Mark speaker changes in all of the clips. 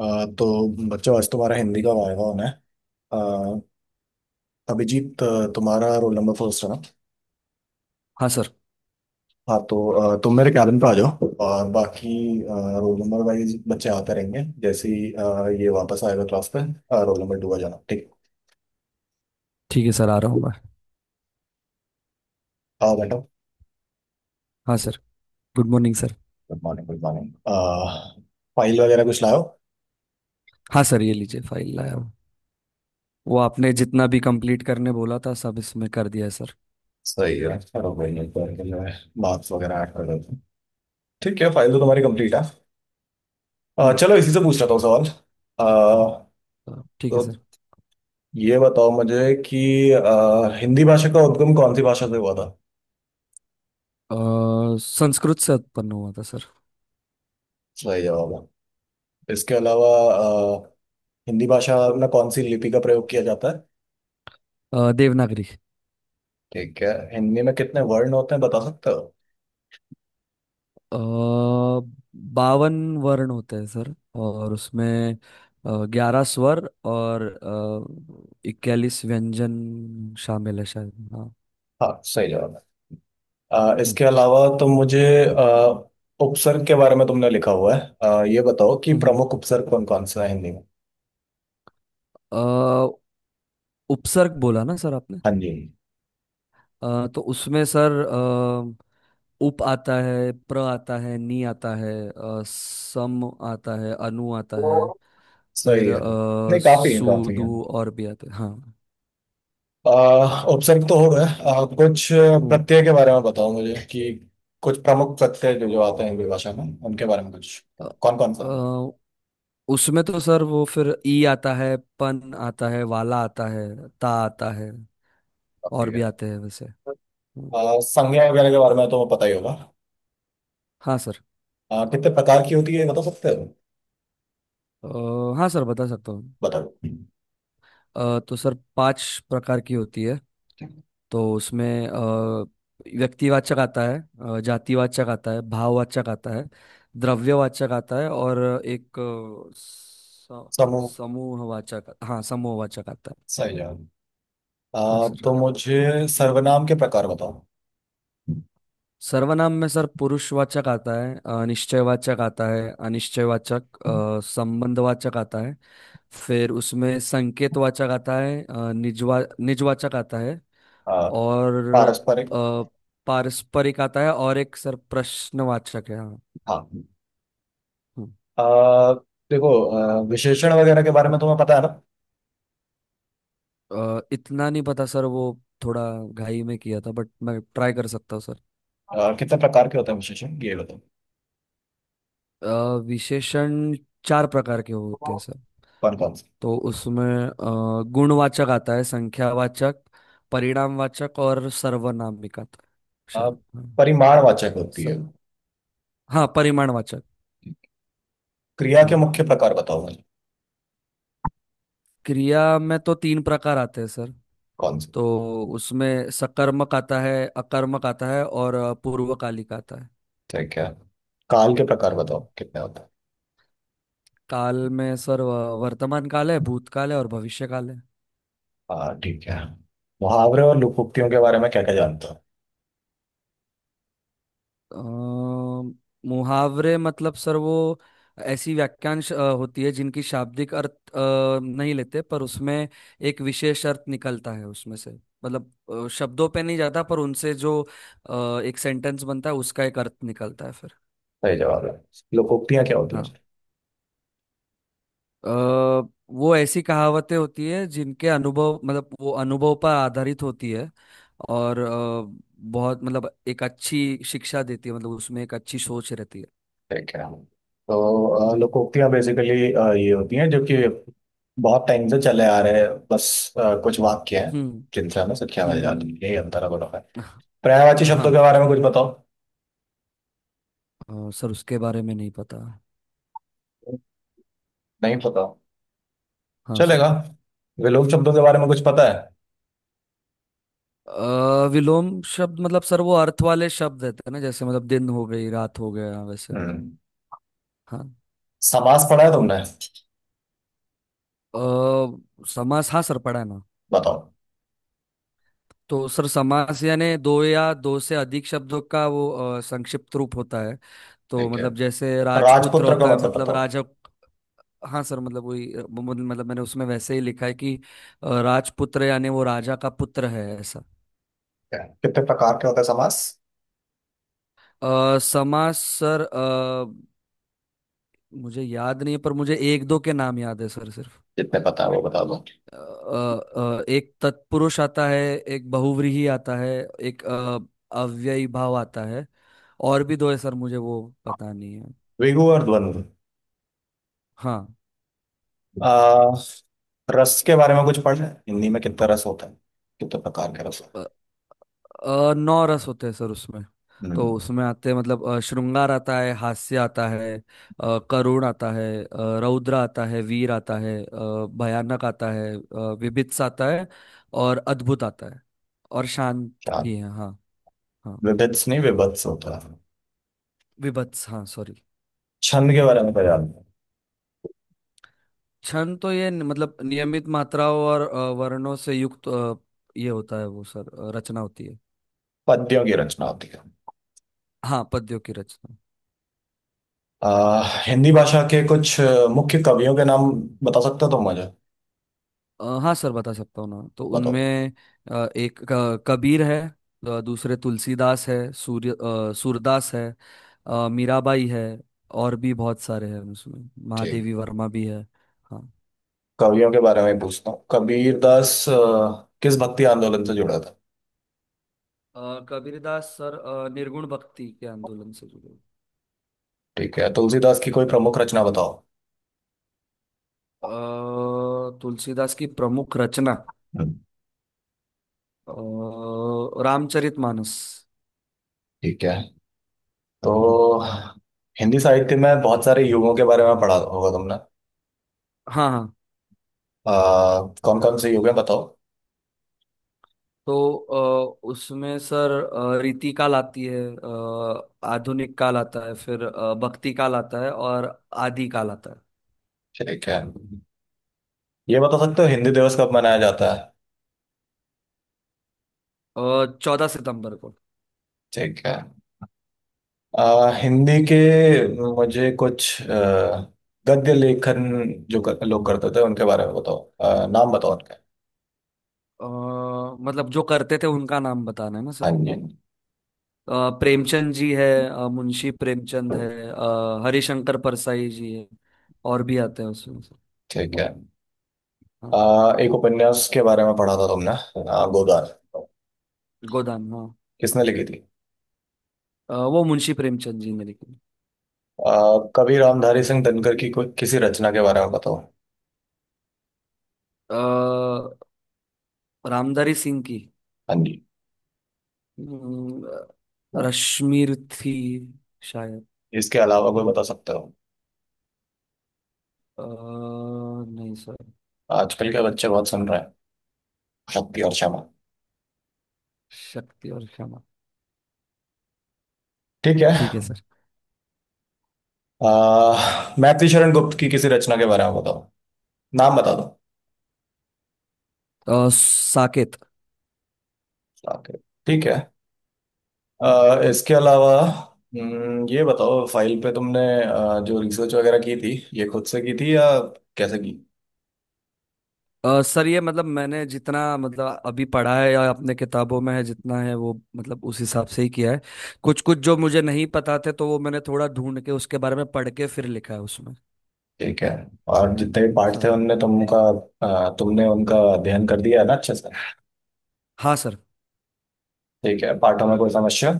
Speaker 1: तो बच्चों आज तुम्हारा हिंदी का वायवा होना है। अ, अभिजीत तुम्हारा रोल नंबर फर्स्ट है ना।
Speaker 2: हाँ सर।
Speaker 1: हाँ तो तुम मेरे कैबिन पे आ जाओ, और बाकी रोल नंबर वाइज बच्चे आते रहेंगे। जैसे ही ये वापस आएगा क्लास पे, रोल नंबर टू आ जाना, ठीक।
Speaker 2: ठीक है सर, आ रहा हूँ मैं।
Speaker 1: आओ बैठो।
Speaker 2: हाँ sir. Good morning sir.
Speaker 1: Good morning, good morning. File वगैरह कुछ लाओ।
Speaker 2: हाँ सर, ये लीजिए, फाइल लाया हूँ। वो आपने जितना भी कंप्लीट करने बोला था सब इसमें कर दिया है सर।
Speaker 1: सही है, चलो भाई, एक बार के लिए मार्क्स वगैरह ऐड कर देते हैं। ठीक है, फाइल तो
Speaker 2: हम्म।
Speaker 1: तुम्हारी कंप्लीट है।
Speaker 2: हम्म,
Speaker 1: चलो इसी से पूछ लेता हूँ सवाल। अ,
Speaker 2: ठीक
Speaker 1: तो
Speaker 2: है सर।
Speaker 1: ये बताओ मुझे कि हिंदी भाषा का उद्गम कौन सी भाषा से हुआ था।
Speaker 2: संस्कृत से उत्पन्न हुआ था सर।
Speaker 1: सही जवाब है। इसके अलावा अ, हिंदी भाषा में कौन सी लिपि का प्रयोग किया जाता है।
Speaker 2: देवनागरी।
Speaker 1: ठीक है। हिंदी में कितने वर्ण होते हैं बता सकते हो।
Speaker 2: अ, 52 वर्ण होते हैं सर, और उसमें 11 स्वर और 41 व्यंजन शामिल है शायद, हाँ।
Speaker 1: हाँ, सही जवाब है।
Speaker 2: हम्म।
Speaker 1: इसके अलावा तो मुझे अ, उपसर्ग के बारे में तुमने लिखा हुआ है। ये बताओ कि
Speaker 2: हम्म, हम्म।
Speaker 1: प्रमुख उपसर्ग कौन कौन सा है हिंदी में।
Speaker 2: अ, उपसर्ग बोला ना सर आपने?
Speaker 1: हाँ जी।
Speaker 2: तो उसमें सर, उप आता है, प्र आता है, नी आता है, सम आता है, अनु आता है। फिर
Speaker 1: सही है, नहीं काफी है,
Speaker 2: सु
Speaker 1: काफी है।
Speaker 2: दू और भी आते हैं, हाँ।
Speaker 1: ऑप्शन तो हो गए। कुछ
Speaker 2: हम्म।
Speaker 1: प्रत्यय के बारे में बताओ मुझे, कि कुछ प्रमुख प्रत्यय जो जो आते हैं हिंदी भाषा में, उनके बारे में कुछ,
Speaker 2: अ,
Speaker 1: कौन कौन सा है।
Speaker 2: अ, उसमें तो सर वो फिर ई आता है, पन आता है, वाला आता है, ता आता है।
Speaker 1: काफी
Speaker 2: और भी
Speaker 1: है।
Speaker 2: आते हैं वैसे। हम्म।
Speaker 1: संज्ञा वगैरह के बारे में तो पता ही होगा।
Speaker 2: हाँ सर।
Speaker 1: कितने प्रकार की होती है बता सकते हो।
Speaker 2: अ, हाँ सर, बता सकता हूँ।
Speaker 1: बताओ।
Speaker 2: तो सर पांच प्रकार की होती है। तो उसमें व्यक्तिवाचक आता है, जातिवाचक आता है, भाववाचक आता है, द्रव्यवाचक आता है और एक
Speaker 1: समूह।
Speaker 2: समूहवाचक, हाँ, समूहवाचक आता है।
Speaker 1: सही जवाब।
Speaker 2: हाँ
Speaker 1: आ,
Speaker 2: सर।
Speaker 1: तो मुझे सर्वनाम के प्रकार बताओ।
Speaker 2: सर्वनाम में सर पुरुषवाचक आता है, निश्चयवाचक आता है, अनिश्चयवाचक, संबंधवाचक आता है। फिर उसमें संकेतवाचक आता है, निजवाचक आता है।
Speaker 1: आ,
Speaker 2: और
Speaker 1: पारस्परिक।
Speaker 2: अ, पारस्परिक आता है, और एक सर प्रश्नवाचक है, हाँ।
Speaker 1: हाँ।
Speaker 2: हम्म।
Speaker 1: आ, देखो, विशेषण वगैरह के बारे में तुम्हें पता है ना।
Speaker 2: इतना नहीं पता सर, वो थोड़ा घाई में किया था बट मैं ट्राई कर सकता हूँ सर।
Speaker 1: कितने प्रकार के होते हैं विशेषण ये बताओ।
Speaker 2: विशेषण चार प्रकार के होते हैं सर।
Speaker 1: कौन कौन।
Speaker 2: तो उसमें गुणवाचक आता है, संख्यावाचक, परिणामवाचक और सर्वनामिक आता है।
Speaker 1: अ,
Speaker 2: शायद, हाँ।
Speaker 1: परिमाणवाचक होती है।
Speaker 2: सर हाँ परिमाणवाचक।
Speaker 1: क्रिया के
Speaker 2: हाँ,
Speaker 1: मुख्य प्रकार बताओ मुझे।
Speaker 2: क्रिया में तो तीन प्रकार आते हैं सर।
Speaker 1: कौन से।
Speaker 2: तो उसमें सकर्मक आता है, अकर्मक आता है और पूर्वकालिक आता है।
Speaker 1: ठीक है। काल के प्रकार बताओ
Speaker 2: हम्म।
Speaker 1: कितने होते हैं।
Speaker 2: काल में सर वर्तमान काल है, भूतकाल है और भविष्य काल है।
Speaker 1: हाँ ठीक है। मुहावरे और लोकोक्तियों के बारे में क्या क्या जानते हो।
Speaker 2: अ, मुहावरे मतलब सर वो ऐसी वाक्यांश होती है, जिनकी शाब्दिक अर्थ नहीं लेते, पर उसमें एक विशेष अर्थ निकलता है उसमें से। मतलब शब्दों पे नहीं जाता पर उनसे जो एक सेंटेंस बनता है उसका एक अर्थ निकलता है फिर।
Speaker 1: सही जवाब है। लोकोक्तियां क्या होती हैं।
Speaker 2: हाँ। अ, वो ऐसी कहावतें होती है, जिनके अनुभव मतलब वो अनुभव पर आधारित होती है। और बहुत मतलब एक अच्छी शिक्षा देती है, मतलब उसमें एक अच्छी सोच रहती है।
Speaker 1: ठीक है, तो
Speaker 2: हम्म।
Speaker 1: लोकोक्तियां बेसिकली ये होती हैं जो कि बहुत टाइम से चले आ रहे हैं। बस कुछ वाक्य हैं
Speaker 2: हम्म।
Speaker 1: जिनसे हमें शिक्षा मिल
Speaker 2: हम्म।
Speaker 1: जाती है, यही अंतर है, बोलो है। पर्यायवाची शब्दों
Speaker 2: हाँ।
Speaker 1: के बारे में कुछ बताओ।
Speaker 2: सर उसके बारे में नहीं पता।
Speaker 1: नहीं पता,
Speaker 2: हाँ
Speaker 1: चलेगा।
Speaker 2: सर।
Speaker 1: विलोम शब्दों के बारे में कुछ पता है।
Speaker 2: विलोम शब्द मतलब सर वो अर्थ वाले शब्द रहते हैं ना, जैसे मतलब दिन हो गई रात हो गया वैसे।
Speaker 1: हम्म,
Speaker 2: हाँ।
Speaker 1: समास पढ़ा है तुमने।
Speaker 2: समास, हाँ सर पढ़ा है ना।
Speaker 1: बताओ।
Speaker 2: तो सर समास यानी दो या दो से अधिक शब्दों का वो संक्षिप्त रूप होता है। तो
Speaker 1: ठीक है।
Speaker 2: मतलब जैसे राजपुत्र
Speaker 1: राजपुत्र का
Speaker 2: होता है,
Speaker 1: मतलब
Speaker 2: मतलब
Speaker 1: बताओ।
Speaker 2: राजा। हाँ सर, मतलब वही मतलब मैंने उसमें वैसे ही लिखा है कि राजपुत्र यानी वो राजा का पुत्र है, ऐसा।
Speaker 1: क्या कितने प्रकार के होते हैं समास।
Speaker 2: समास सर, मुझे याद नहीं है पर मुझे एक दो के नाम याद है सर सिर्फ।
Speaker 1: जितने पता है वो बता दो।
Speaker 2: एक तत्पुरुष आता है। एक बहुव्रीहि आता है। एक अव्ययीभाव आता है। और भी दो है सर, मुझे वो पता नहीं है।
Speaker 1: द्विगु और द्वंद्व।
Speaker 2: हाँ।
Speaker 1: आ, रस के बारे में कुछ पढ़ा है, हिंदी में कितना रस होता है, कितने प्रकार के रस
Speaker 2: अ,
Speaker 1: होते।
Speaker 2: नौ रस होते हैं सर उसमें।
Speaker 1: हम्म, हैं
Speaker 2: तो
Speaker 1: हम्म,
Speaker 2: उसमें आते हैं, मतलब श्रृंगार आता है, हास्य आता है, करुण आता है, रौद्र आता है, वीर आता है, भयानक आता है, विभत्स आता है और अद्भुत आता है। और शांत
Speaker 1: चार।
Speaker 2: भी है, हाँ। हाँ,
Speaker 1: विभित्स नहीं, विभत्स होता है।
Speaker 2: विभत्स, हाँ, सॉरी।
Speaker 1: छंद के बारे में पढ़ा है।
Speaker 2: छंद तो ये मतलब नियमित मात्राओं और वर्णों से युक्त, ये होता है वो सर, रचना होती है।
Speaker 1: पद्यों की रचना होती है।
Speaker 2: हाँ, पद्यों की रचना।
Speaker 1: हिंदी भाषा के कुछ मुख्य कवियों के नाम बता सकते हो तुम मुझे।
Speaker 2: हाँ सर, बता सकता हूँ ना, तो
Speaker 1: बताओ।
Speaker 2: उनमें एक कबीर है। दूसरे तुलसीदास है, सूरदास है। मीराबाई है। और भी बहुत सारे हैं, उसमें
Speaker 1: ठीक
Speaker 2: महादेवी
Speaker 1: है।
Speaker 2: वर्मा भी है। हाँ।
Speaker 1: कवियों के बारे में ही पूछता हूँ, कबीर दास किस भक्ति आंदोलन से जुड़ा था।
Speaker 2: कबीरदास सर निर्गुण भक्ति के आंदोलन से जुड़े।
Speaker 1: ठीक है। तुलसीदास की कोई प्रमुख रचना बताओ।
Speaker 2: अ, तुलसीदास की प्रमुख रचना,
Speaker 1: हम्म,
Speaker 2: रामचरितमानस।
Speaker 1: ठीक है। तो
Speaker 2: हम्म।
Speaker 1: हिंदी साहित्य में बहुत सारे युगों के बारे में पढ़ा होगा तुमने।
Speaker 2: हाँ, हाँ।
Speaker 1: कौन कौन से युग है बताओ।
Speaker 2: तो उसमें सर रीति काल आती है, आधुनिक काल आता है, फिर भक्ति काल आता है और आदि काल आता
Speaker 1: ठीक है। ये बता सकते हो हिंदी दिवस कब मनाया जाता है।
Speaker 2: है। 14 सितंबर को।
Speaker 1: ठीक है। अ, हिंदी के मुझे कुछ गद्य लेखन जो लोग करते थे उनके बारे में बताओ, नाम बताओ उनके।
Speaker 2: अ, मतलब जो करते थे उनका नाम बताना है ना
Speaker 1: हाँ
Speaker 2: सर?
Speaker 1: जी।
Speaker 2: प्रेमचंद जी है, मुंशी प्रेमचंद है, हरिशंकर परसाई जी है। और भी आते हैं उसमें सर।
Speaker 1: ठीक है। आ,
Speaker 2: हाँ।
Speaker 1: एक उपन्यास के बारे में पढ़ा था तुमने, गोदान।
Speaker 2: गोदान, हाँ।
Speaker 1: किसने लिखी थी।
Speaker 2: वो मुंशी प्रेमचंद जी ने लिखी।
Speaker 1: आ, कवि रामधारी सिंह दिनकर की कोई किसी रचना के बारे में बताओ।
Speaker 2: अ, रामधारी सिंह की
Speaker 1: हाँ जी।
Speaker 2: हम्म, रश्मि थी शायद।
Speaker 1: इसके अलावा कोई बता सकते हो।
Speaker 2: नहीं सर।
Speaker 1: आजकल के बच्चे बहुत सुन रहे हैं, शक्ति और क्षमा।
Speaker 2: शक्ति और क्षमा।
Speaker 1: ठीक है।
Speaker 2: ठीक है सर।
Speaker 1: मैथिली शरण गुप्त की किसी रचना के बारे में बताओ, नाम बता दो।
Speaker 2: साकेत।
Speaker 1: Okay, ठीक है।
Speaker 2: हम्म।
Speaker 1: इसके अलावा ये बताओ, फाइल पे तुमने जो रिसर्च वगैरह की थी, ये खुद से की थी या कैसे की।
Speaker 2: सर ये मतलब मैंने जितना मतलब अभी पढ़ा है या अपने किताबों में है जितना है, वो मतलब उस हिसाब से ही किया है। कुछ कुछ जो मुझे नहीं पता थे तो वो मैंने थोड़ा ढूंढ के उसके बारे में पढ़ के फिर लिखा है उसमें।
Speaker 1: ठीक है। और जितने भी पार्ट थे
Speaker 2: हाँ।
Speaker 1: उनने तुमका, तुमने उनका अध्ययन कर दिया है ना अच्छे से।
Speaker 2: हाँ सर।
Speaker 1: ठीक है, पार्टों में कोई समस्या।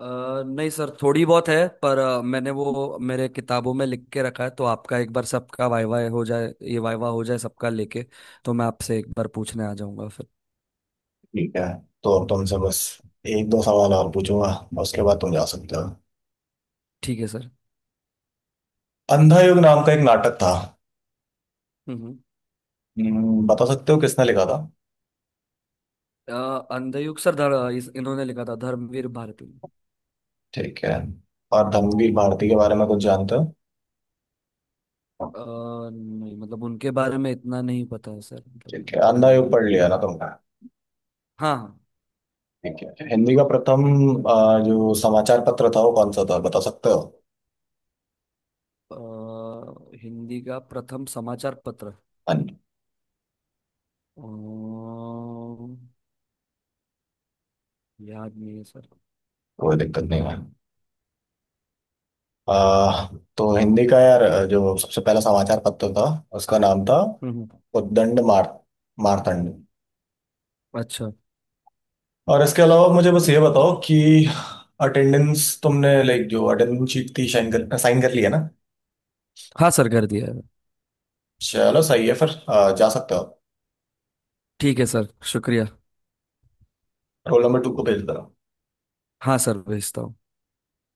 Speaker 2: अ, नहीं सर, थोड़ी बहुत है। पर मैंने वो मेरे किताबों में लिख के रखा है, तो आपका एक बार सबका वाइवा हो जाए, ये वाइवा हो जाए सबका लेके, तो मैं आपसे एक बार पूछने आ जाऊंगा फिर।
Speaker 1: ठीक है। तो अब तुमसे बस एक दो सवाल और पूछूंगा, और उसके बाद तुम जा सकते हो।
Speaker 2: ठीक है सर।
Speaker 1: अंधा युग नाम का एक नाटक था।
Speaker 2: हम्म।
Speaker 1: बता सकते हो किसने लिखा था।
Speaker 2: अ, अंधयुग सर इन्होंने लिखा था, धर्मवीर भारती।
Speaker 1: ठीक है। और धर्मवीर भारती
Speaker 2: हाँ।
Speaker 1: के बारे में कुछ जानते हो।
Speaker 2: अ, नहीं मतलब उनके बारे में इतना नहीं पता है सर, मतलब
Speaker 1: ठीक
Speaker 2: मैंने
Speaker 1: है।
Speaker 2: पढ़ा
Speaker 1: अंधा
Speaker 2: नहीं
Speaker 1: युग
Speaker 2: है।
Speaker 1: पढ़ लिया ना तुमने।
Speaker 2: हाँ, हाँ।
Speaker 1: ठीक है, हिंदी का प्रथम जो समाचार पत्र था वो कौन सा था बता सकते हो।
Speaker 2: हिंदी का प्रथम समाचार पत्र?
Speaker 1: हाँ।
Speaker 2: अ, याद नहीं है सर।
Speaker 1: कोई दिक्कत नहीं है। आ, तो हिंदी का यार जो सबसे पहला समाचार पत्र था, उसका नाम था
Speaker 2: हम्म।
Speaker 1: उद्दंड मारतंड।
Speaker 2: अच्छा।
Speaker 1: और इसके अलावा मुझे बस ये बताओ कि अटेंडेंस तुमने, लाइक, जो अटेंडेंस शीट थी साइन कर लिया ना।
Speaker 2: हाँ सर कर दिया है।
Speaker 1: चलो, सही है फिर, जा सकते हो।
Speaker 2: ठीक है सर, शुक्रिया।
Speaker 1: रोल नंबर टू को भेज दो।
Speaker 2: हाँ सर भेजता हूँ।